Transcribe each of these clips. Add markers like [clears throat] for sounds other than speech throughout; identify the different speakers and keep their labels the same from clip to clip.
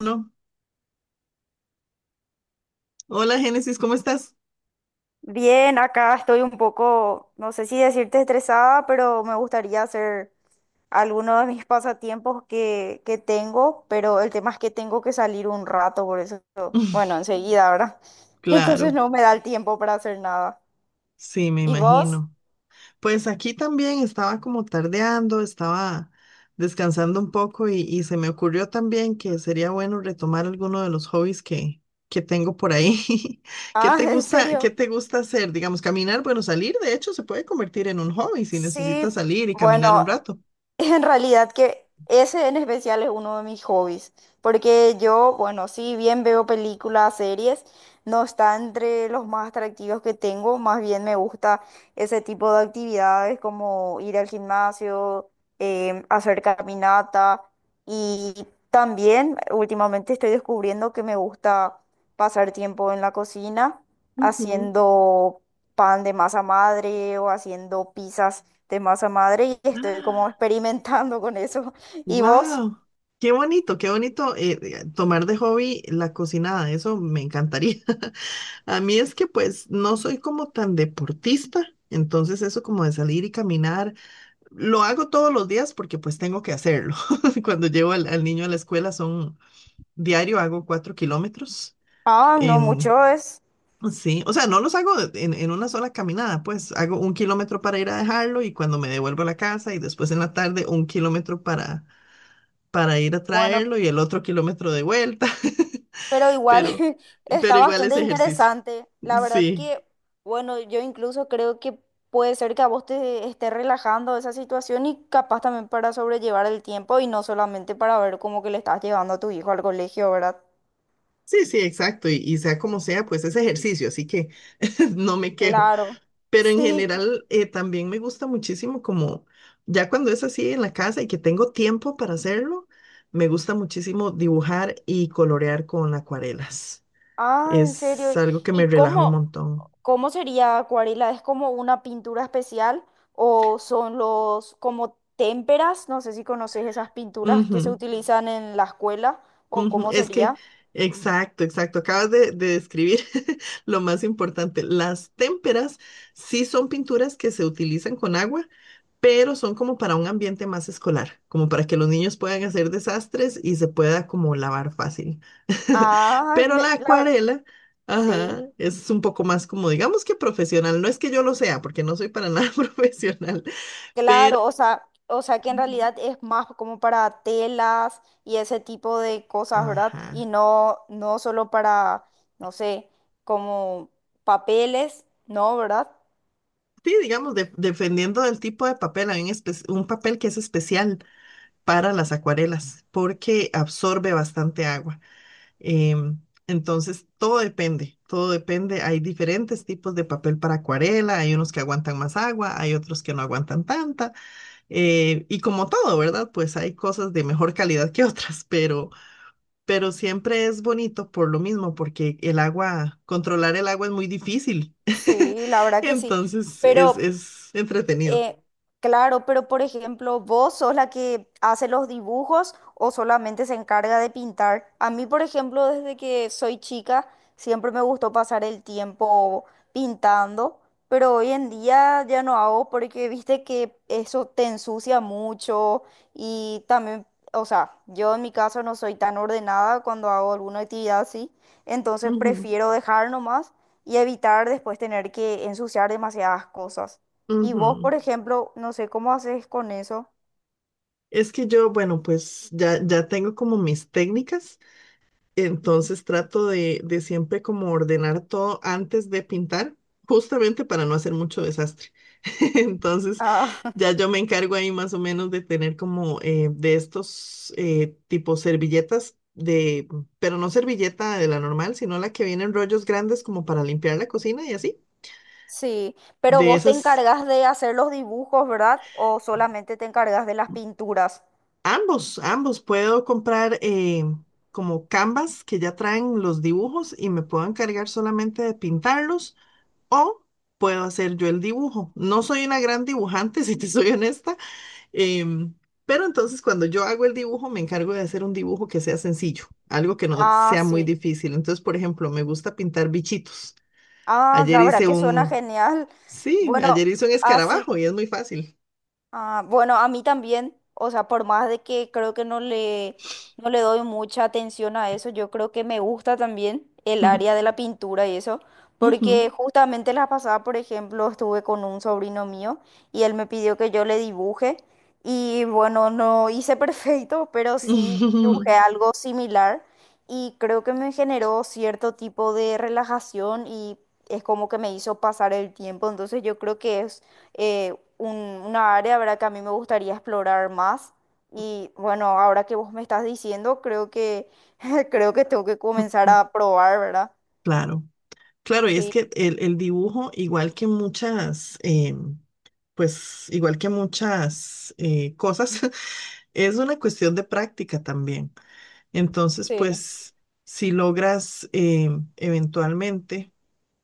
Speaker 1: No. Hola Génesis, ¿cómo estás?
Speaker 2: Bien, acá estoy un poco, no sé si decirte estresada, pero me gustaría hacer algunos de mis pasatiempos que tengo, pero el tema es que tengo que salir un rato, por eso, bueno,
Speaker 1: [laughs]
Speaker 2: enseguida, ¿verdad? [laughs]
Speaker 1: Claro,
Speaker 2: Entonces no me da el tiempo para hacer nada.
Speaker 1: sí, me
Speaker 2: ¿Y vos?
Speaker 1: imagino. Pues aquí también estaba como tardeando, estaba descansando un poco y se me ocurrió también que sería bueno retomar alguno de los hobbies que tengo por ahí. [laughs]
Speaker 2: Ah, [laughs] ¿en
Speaker 1: Qué
Speaker 2: serio?
Speaker 1: te gusta hacer? Digamos, caminar, bueno, salir de hecho se puede convertir en un hobby si necesitas
Speaker 2: Sí,
Speaker 1: salir y caminar un
Speaker 2: bueno,
Speaker 1: rato.
Speaker 2: en realidad que ese en especial es uno de mis hobbies, porque yo, bueno, si bien veo películas, series, no está entre los más atractivos que tengo, más bien me gusta ese tipo de actividades como ir al gimnasio, hacer caminata y también últimamente estoy descubriendo que me gusta pasar tiempo en la cocina
Speaker 1: Ujú.
Speaker 2: haciendo pan de masa madre o haciendo pizzas de masa madre y estoy como experimentando con eso. ¿Y vos?
Speaker 1: Wow, qué bonito tomar de hobby la cocinada, eso me encantaría. [laughs] A mí es que pues no soy como tan deportista, entonces eso como de salir y caminar, lo hago todos los días porque pues tengo que hacerlo. [laughs] Cuando llevo al niño a la escuela son diario, hago 4 kilómetros
Speaker 2: Ah, no
Speaker 1: en...
Speaker 2: mucho es
Speaker 1: Sí, o sea, no los hago en una sola caminada, pues hago 1 kilómetro para ir a dejarlo y cuando me devuelvo a la casa y después en la tarde 1 kilómetro para ir a
Speaker 2: bueno,
Speaker 1: traerlo y el otro kilómetro de vuelta,
Speaker 2: pero
Speaker 1: [laughs]
Speaker 2: igual
Speaker 1: pero,
Speaker 2: [laughs]
Speaker 1: pero
Speaker 2: está
Speaker 1: igual es
Speaker 2: bastante
Speaker 1: ejercicio.
Speaker 2: interesante. La verdad
Speaker 1: Sí,
Speaker 2: que, bueno, yo incluso creo que puede ser que a vos te esté relajando esa situación y capaz también para sobrellevar el tiempo y no solamente para ver cómo que le estás llevando a tu hijo al colegio, ¿verdad?
Speaker 1: sí, sí, exacto. Y sea como sea, pues es ejercicio, así que [laughs] no me quejo.
Speaker 2: Claro.
Speaker 1: Pero en
Speaker 2: Sí.
Speaker 1: general también me gusta muchísimo como ya cuando es así en la casa y que tengo tiempo para hacerlo, me gusta muchísimo dibujar y colorear con acuarelas.
Speaker 2: Ah, en
Speaker 1: Es
Speaker 2: serio.
Speaker 1: algo que me
Speaker 2: ¿Y
Speaker 1: relaja un
Speaker 2: cómo?
Speaker 1: montón.
Speaker 2: ¿Cómo sería acuarela? ¿Es como una pintura especial o son los como témperas? No sé si conoces esas pinturas que se
Speaker 1: Ujú.
Speaker 2: utilizan en la escuela o
Speaker 1: Ujú,
Speaker 2: cómo
Speaker 1: es que,
Speaker 2: sería.
Speaker 1: exacto, exacto. Acabas de describir [laughs] lo más importante. Las témperas sí son pinturas que se utilizan con agua, pero son como para un ambiente más escolar, como para que los niños puedan hacer desastres y se pueda como lavar fácil. [laughs]
Speaker 2: Ah,
Speaker 1: Pero la
Speaker 2: me- la ver-
Speaker 1: acuarela, ajá,
Speaker 2: sí,
Speaker 1: es un poco más como, digamos que profesional. No es que yo lo sea, porque no soy para nada [laughs] profesional, pero,
Speaker 2: claro, o sea que en
Speaker 1: ujú,
Speaker 2: realidad es más como para telas y ese tipo de cosas, ¿verdad? Y
Speaker 1: ajá.
Speaker 2: no, no solo para, no sé, como papeles, ¿no? ¿Verdad?
Speaker 1: Sí, digamos, dependiendo del tipo de papel, hay un, un papel que es especial para las acuarelas porque absorbe bastante agua. Em, entonces, todo depende, todo depende. Hay diferentes tipos de papel para acuarela, hay unos que aguantan más agua, hay otros que no aguantan tanta. Y como todo, ¿verdad? Pues hay cosas de mejor calidad que otras, pero siempre es bonito por lo mismo, porque el agua, controlar el agua es muy difícil. [laughs]
Speaker 2: Sí, la verdad que sí.
Speaker 1: Entonces
Speaker 2: Pero
Speaker 1: es entretenido.
Speaker 2: Eh, claro, pero por ejemplo, ¿vos sos la que hace los dibujos o solamente se encarga de pintar? A mí, por ejemplo, desde que soy chica, siempre me gustó pasar el tiempo pintando, pero hoy en día ya no hago porque viste que eso te ensucia mucho y también, o sea, yo en mi caso no soy tan ordenada cuando hago alguna actividad así, entonces prefiero dejar nomás y evitar después tener que ensuciar demasiadas cosas. Y
Speaker 1: Ujú,
Speaker 2: vos, por
Speaker 1: ujú.
Speaker 2: ejemplo, no sé cómo haces con eso.
Speaker 1: Es que yo, bueno, pues ya, ya tengo como mis técnicas. Entonces trato de siempre como ordenar todo antes de pintar, justamente para no hacer mucho desastre. [laughs] Entonces
Speaker 2: Ah,
Speaker 1: ya
Speaker 2: [laughs]
Speaker 1: yo me encargo ahí más o menos de tener como de estos tipos servilletas de, pero no servilleta de la normal, sino la que viene en rollos grandes como para limpiar la cocina y así.
Speaker 2: sí, pero
Speaker 1: De
Speaker 2: vos te
Speaker 1: esas,
Speaker 2: encargas de hacer los dibujos, ¿verdad? ¿O solamente te encargas de las pinturas?
Speaker 1: ambos, ambos puedo comprar como canvas que ya traen los dibujos y me puedo encargar solamente de pintarlos. O puedo hacer yo el dibujo. No soy una gran dibujante, [laughs] si te soy honesta, em, pero entonces cuando yo hago el dibujo me encargo de hacer un dibujo que sea sencillo, algo que no
Speaker 2: Ah,
Speaker 1: sea muy
Speaker 2: sí.
Speaker 1: difícil. Entonces, por ejemplo, me gusta pintar bichitos.
Speaker 2: Ah,
Speaker 1: Ayer
Speaker 2: la verdad
Speaker 1: hice
Speaker 2: que suena
Speaker 1: un,
Speaker 2: genial.
Speaker 1: sí,
Speaker 2: Bueno,
Speaker 1: ayer hice un
Speaker 2: así.
Speaker 1: escarabajo y es muy fácil.
Speaker 2: Ah, bueno, a mí también, o sea, por más de que creo que no le doy mucha atención a eso, yo creo que me gusta también el área de
Speaker 1: [laughs]
Speaker 2: la pintura y eso,
Speaker 1: Ujú.
Speaker 2: porque justamente la pasada, por ejemplo, estuve con un sobrino mío y él me pidió que yo le dibuje y bueno, no hice [laughs] perfecto, pero sí dibujé
Speaker 1: Ujú.
Speaker 2: algo similar y creo que me generó cierto tipo de relajación y es como que me hizo pasar el tiempo, entonces yo creo que es eh, un- una área, ¿verdad?, que a mí me gustaría explorar más. Y bueno, ahora que vos me estás diciendo, creo que [laughs] creo que tengo que comenzar a probar, ¿verdad?
Speaker 1: Claro, claro, y es
Speaker 2: Sí.
Speaker 1: que el dibujo, igual que muchas, em, pues igual que muchas cosas, [laughs] es una cuestión de práctica también. Entonces,
Speaker 2: Sí.
Speaker 1: pues, si logras eventualmente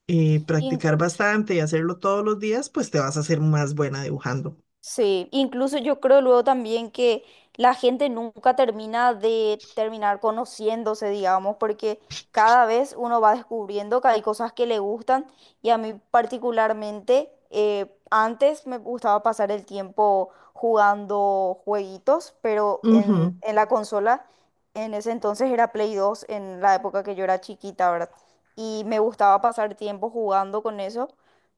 Speaker 1: practicar bastante y hacerlo todos los días, pues te vas a hacer más buena dibujando.
Speaker 2: Sí, incluso yo creo luego también que la gente nunca termina de terminar conociéndose, digamos, porque cada vez uno va descubriendo que hay cosas que le gustan y a mí particularmente antes me gustaba pasar el tiempo jugando jueguitos, pero en,
Speaker 1: Ujú,
Speaker 2: en la consola en ese entonces era Play 2 en la época que yo era chiquita, ¿verdad? Y me gustaba pasar tiempo jugando con eso.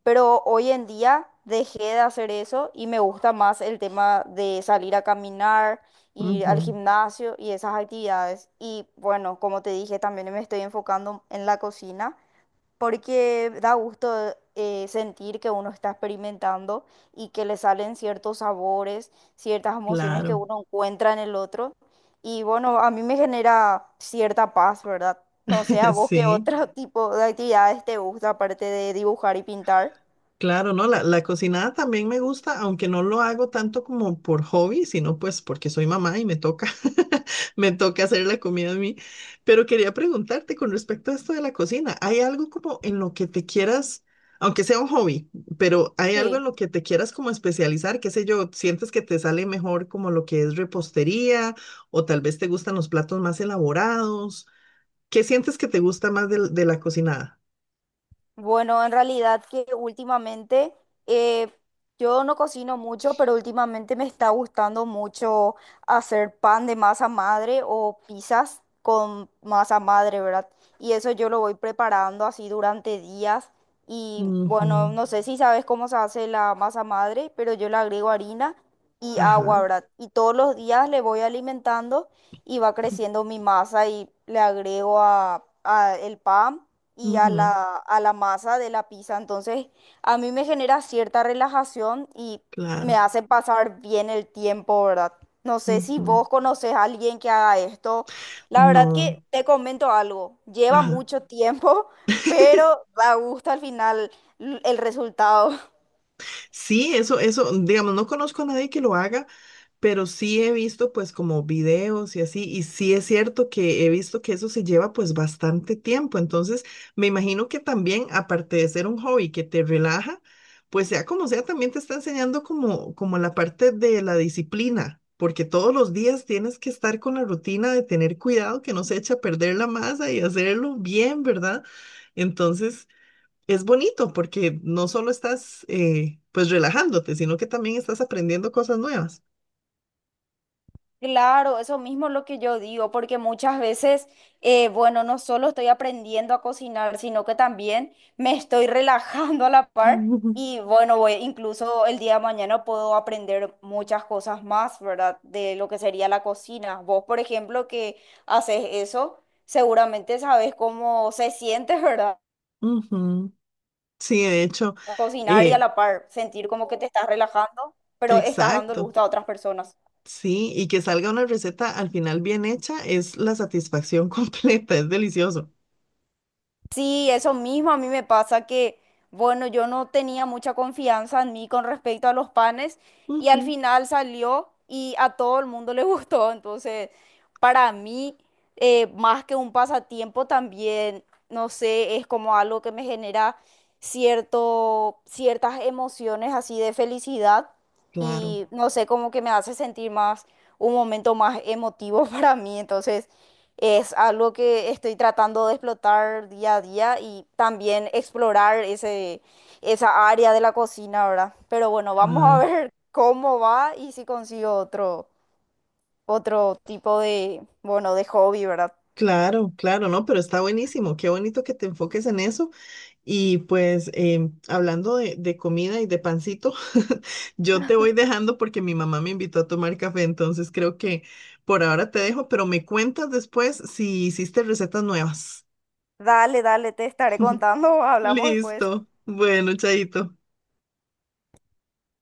Speaker 2: Pero hoy en día dejé de hacer eso y me gusta más el tema de salir a caminar, ir al
Speaker 1: ujú,
Speaker 2: gimnasio y esas actividades. Y bueno, como te dije, también me estoy enfocando en la cocina porque da gusto sentir que uno está experimentando y que le salen ciertos sabores, ciertas emociones que
Speaker 1: claro,
Speaker 2: uno encuentra en el otro. Y bueno, a mí me genera cierta paz, ¿verdad? No sé, a
Speaker 1: [laughs]
Speaker 2: vos qué
Speaker 1: sí.
Speaker 2: otro [laughs] tipo de actividades te gusta aparte de dibujar y pintar.
Speaker 1: Claro, no, la cocinada también me gusta, aunque no lo hago tanto como por hobby, sino pues porque soy mamá y me toca, [laughs] me toca hacer la comida a mí. Pero quería preguntarte con respecto a esto de la cocina, ¿hay algo como en lo que te quieras, aunque sea un hobby, pero hay algo
Speaker 2: Sí,
Speaker 1: en lo que te quieras como especializar? ¿Qué sé yo? ¿Sientes que te sale mejor como lo que es repostería o tal vez te gustan los platos más elaborados? ¿Qué sientes que te gusta más de la cocinada?
Speaker 2: bueno, en realidad que últimamente eh, yo no cocino mucho, pero últimamente me está gustando mucho hacer pan de masa madre o pizzas con masa madre, ¿verdad? Y eso yo lo voy preparando así durante días. Y bueno,
Speaker 1: Ujú,
Speaker 2: no sé si sabes cómo se hace la masa madre, pero yo le agrego harina y
Speaker 1: ajá.
Speaker 2: agua, ¿verdad? Y todos los días le voy alimentando y va
Speaker 1: [clears throat]
Speaker 2: creciendo mi masa y le agrego a el pan y
Speaker 1: ujú.
Speaker 2: a la masa de la pizza. Entonces, a mí me genera cierta relajación y me
Speaker 1: Claro.
Speaker 2: hace pasar bien el tiempo, ¿verdad? No sé si
Speaker 1: Ujú.
Speaker 2: vos conoces a alguien que haga esto. La verdad
Speaker 1: No.
Speaker 2: que te comento algo, lleva
Speaker 1: Ajá.
Speaker 2: mucho tiempo, [laughs] pero da gusto al final el resultado.
Speaker 1: Sí, eso, digamos, no conozco a nadie que lo haga, pero sí he visto pues como videos y así, y sí es cierto que he visto que eso se lleva pues bastante tiempo, entonces me imagino que también, aparte de ser un hobby que te relaja, pues sea como sea, también te está enseñando como, como la parte de la disciplina, porque todos los días tienes que estar con la rutina de tener cuidado que no se eche a perder la masa y hacerlo bien, ¿verdad? Entonces... es bonito porque no solo estás, pues, relajándote, sino que también estás aprendiendo cosas nuevas.
Speaker 2: Claro, eso mismo es lo que yo digo, porque muchas veces, bueno, no solo estoy aprendiendo a cocinar, sino que también me estoy relajando a la
Speaker 1: [laughs]
Speaker 2: par
Speaker 1: Ujú.
Speaker 2: y bueno, incluso el día de mañana puedo aprender muchas cosas más, ¿verdad? De lo que sería la cocina. Vos, por ejemplo, que haces eso, seguramente sabes cómo se siente, [laughs] ¿verdad?
Speaker 1: Ujú. Sí, de hecho,
Speaker 2: Cocinar y a
Speaker 1: eh,
Speaker 2: la par, sentir como que te estás relajando, pero estás dando el
Speaker 1: exacto.
Speaker 2: gusto a otras personas.
Speaker 1: Sí, y que salga una receta al final bien hecha es la satisfacción [laughs] completa, es delicioso.
Speaker 2: Sí, eso mismo a mí me pasa que, bueno, yo no tenía mucha confianza en mí con respecto a los panes y al
Speaker 1: Ujú.
Speaker 2: final salió y a todo el mundo le [laughs] gustó. Entonces, para mí, más que un pasatiempo también, no sé, es como algo que me genera cierto, ciertas emociones así de felicidad
Speaker 1: Claro.
Speaker 2: y no sé, como que me hace sentir más, un momento más emotivo [laughs] para mí. Entonces... Es algo que estoy tratando de explotar día a día y también explorar ese, esa área de la cocina, ¿verdad? Pero bueno, vamos a [laughs]
Speaker 1: Ay,
Speaker 2: ver cómo va y si consigo otro, otro tipo de, bueno, de hobby, ¿verdad?
Speaker 1: claro, claro, no, pero está buenísimo. Qué bonito que te enfoques en eso. Y pues, em, hablando de comida y de pancito, [laughs] yo te voy dejando porque mi mamá me invitó a tomar café, entonces creo que por ahora te dejo, pero me cuentas después si hiciste recetas nuevas.
Speaker 2: Dale, dale, te estaré
Speaker 1: [laughs]
Speaker 2: contando, [laughs] hablamos después.
Speaker 1: Listo. Bueno, chaito.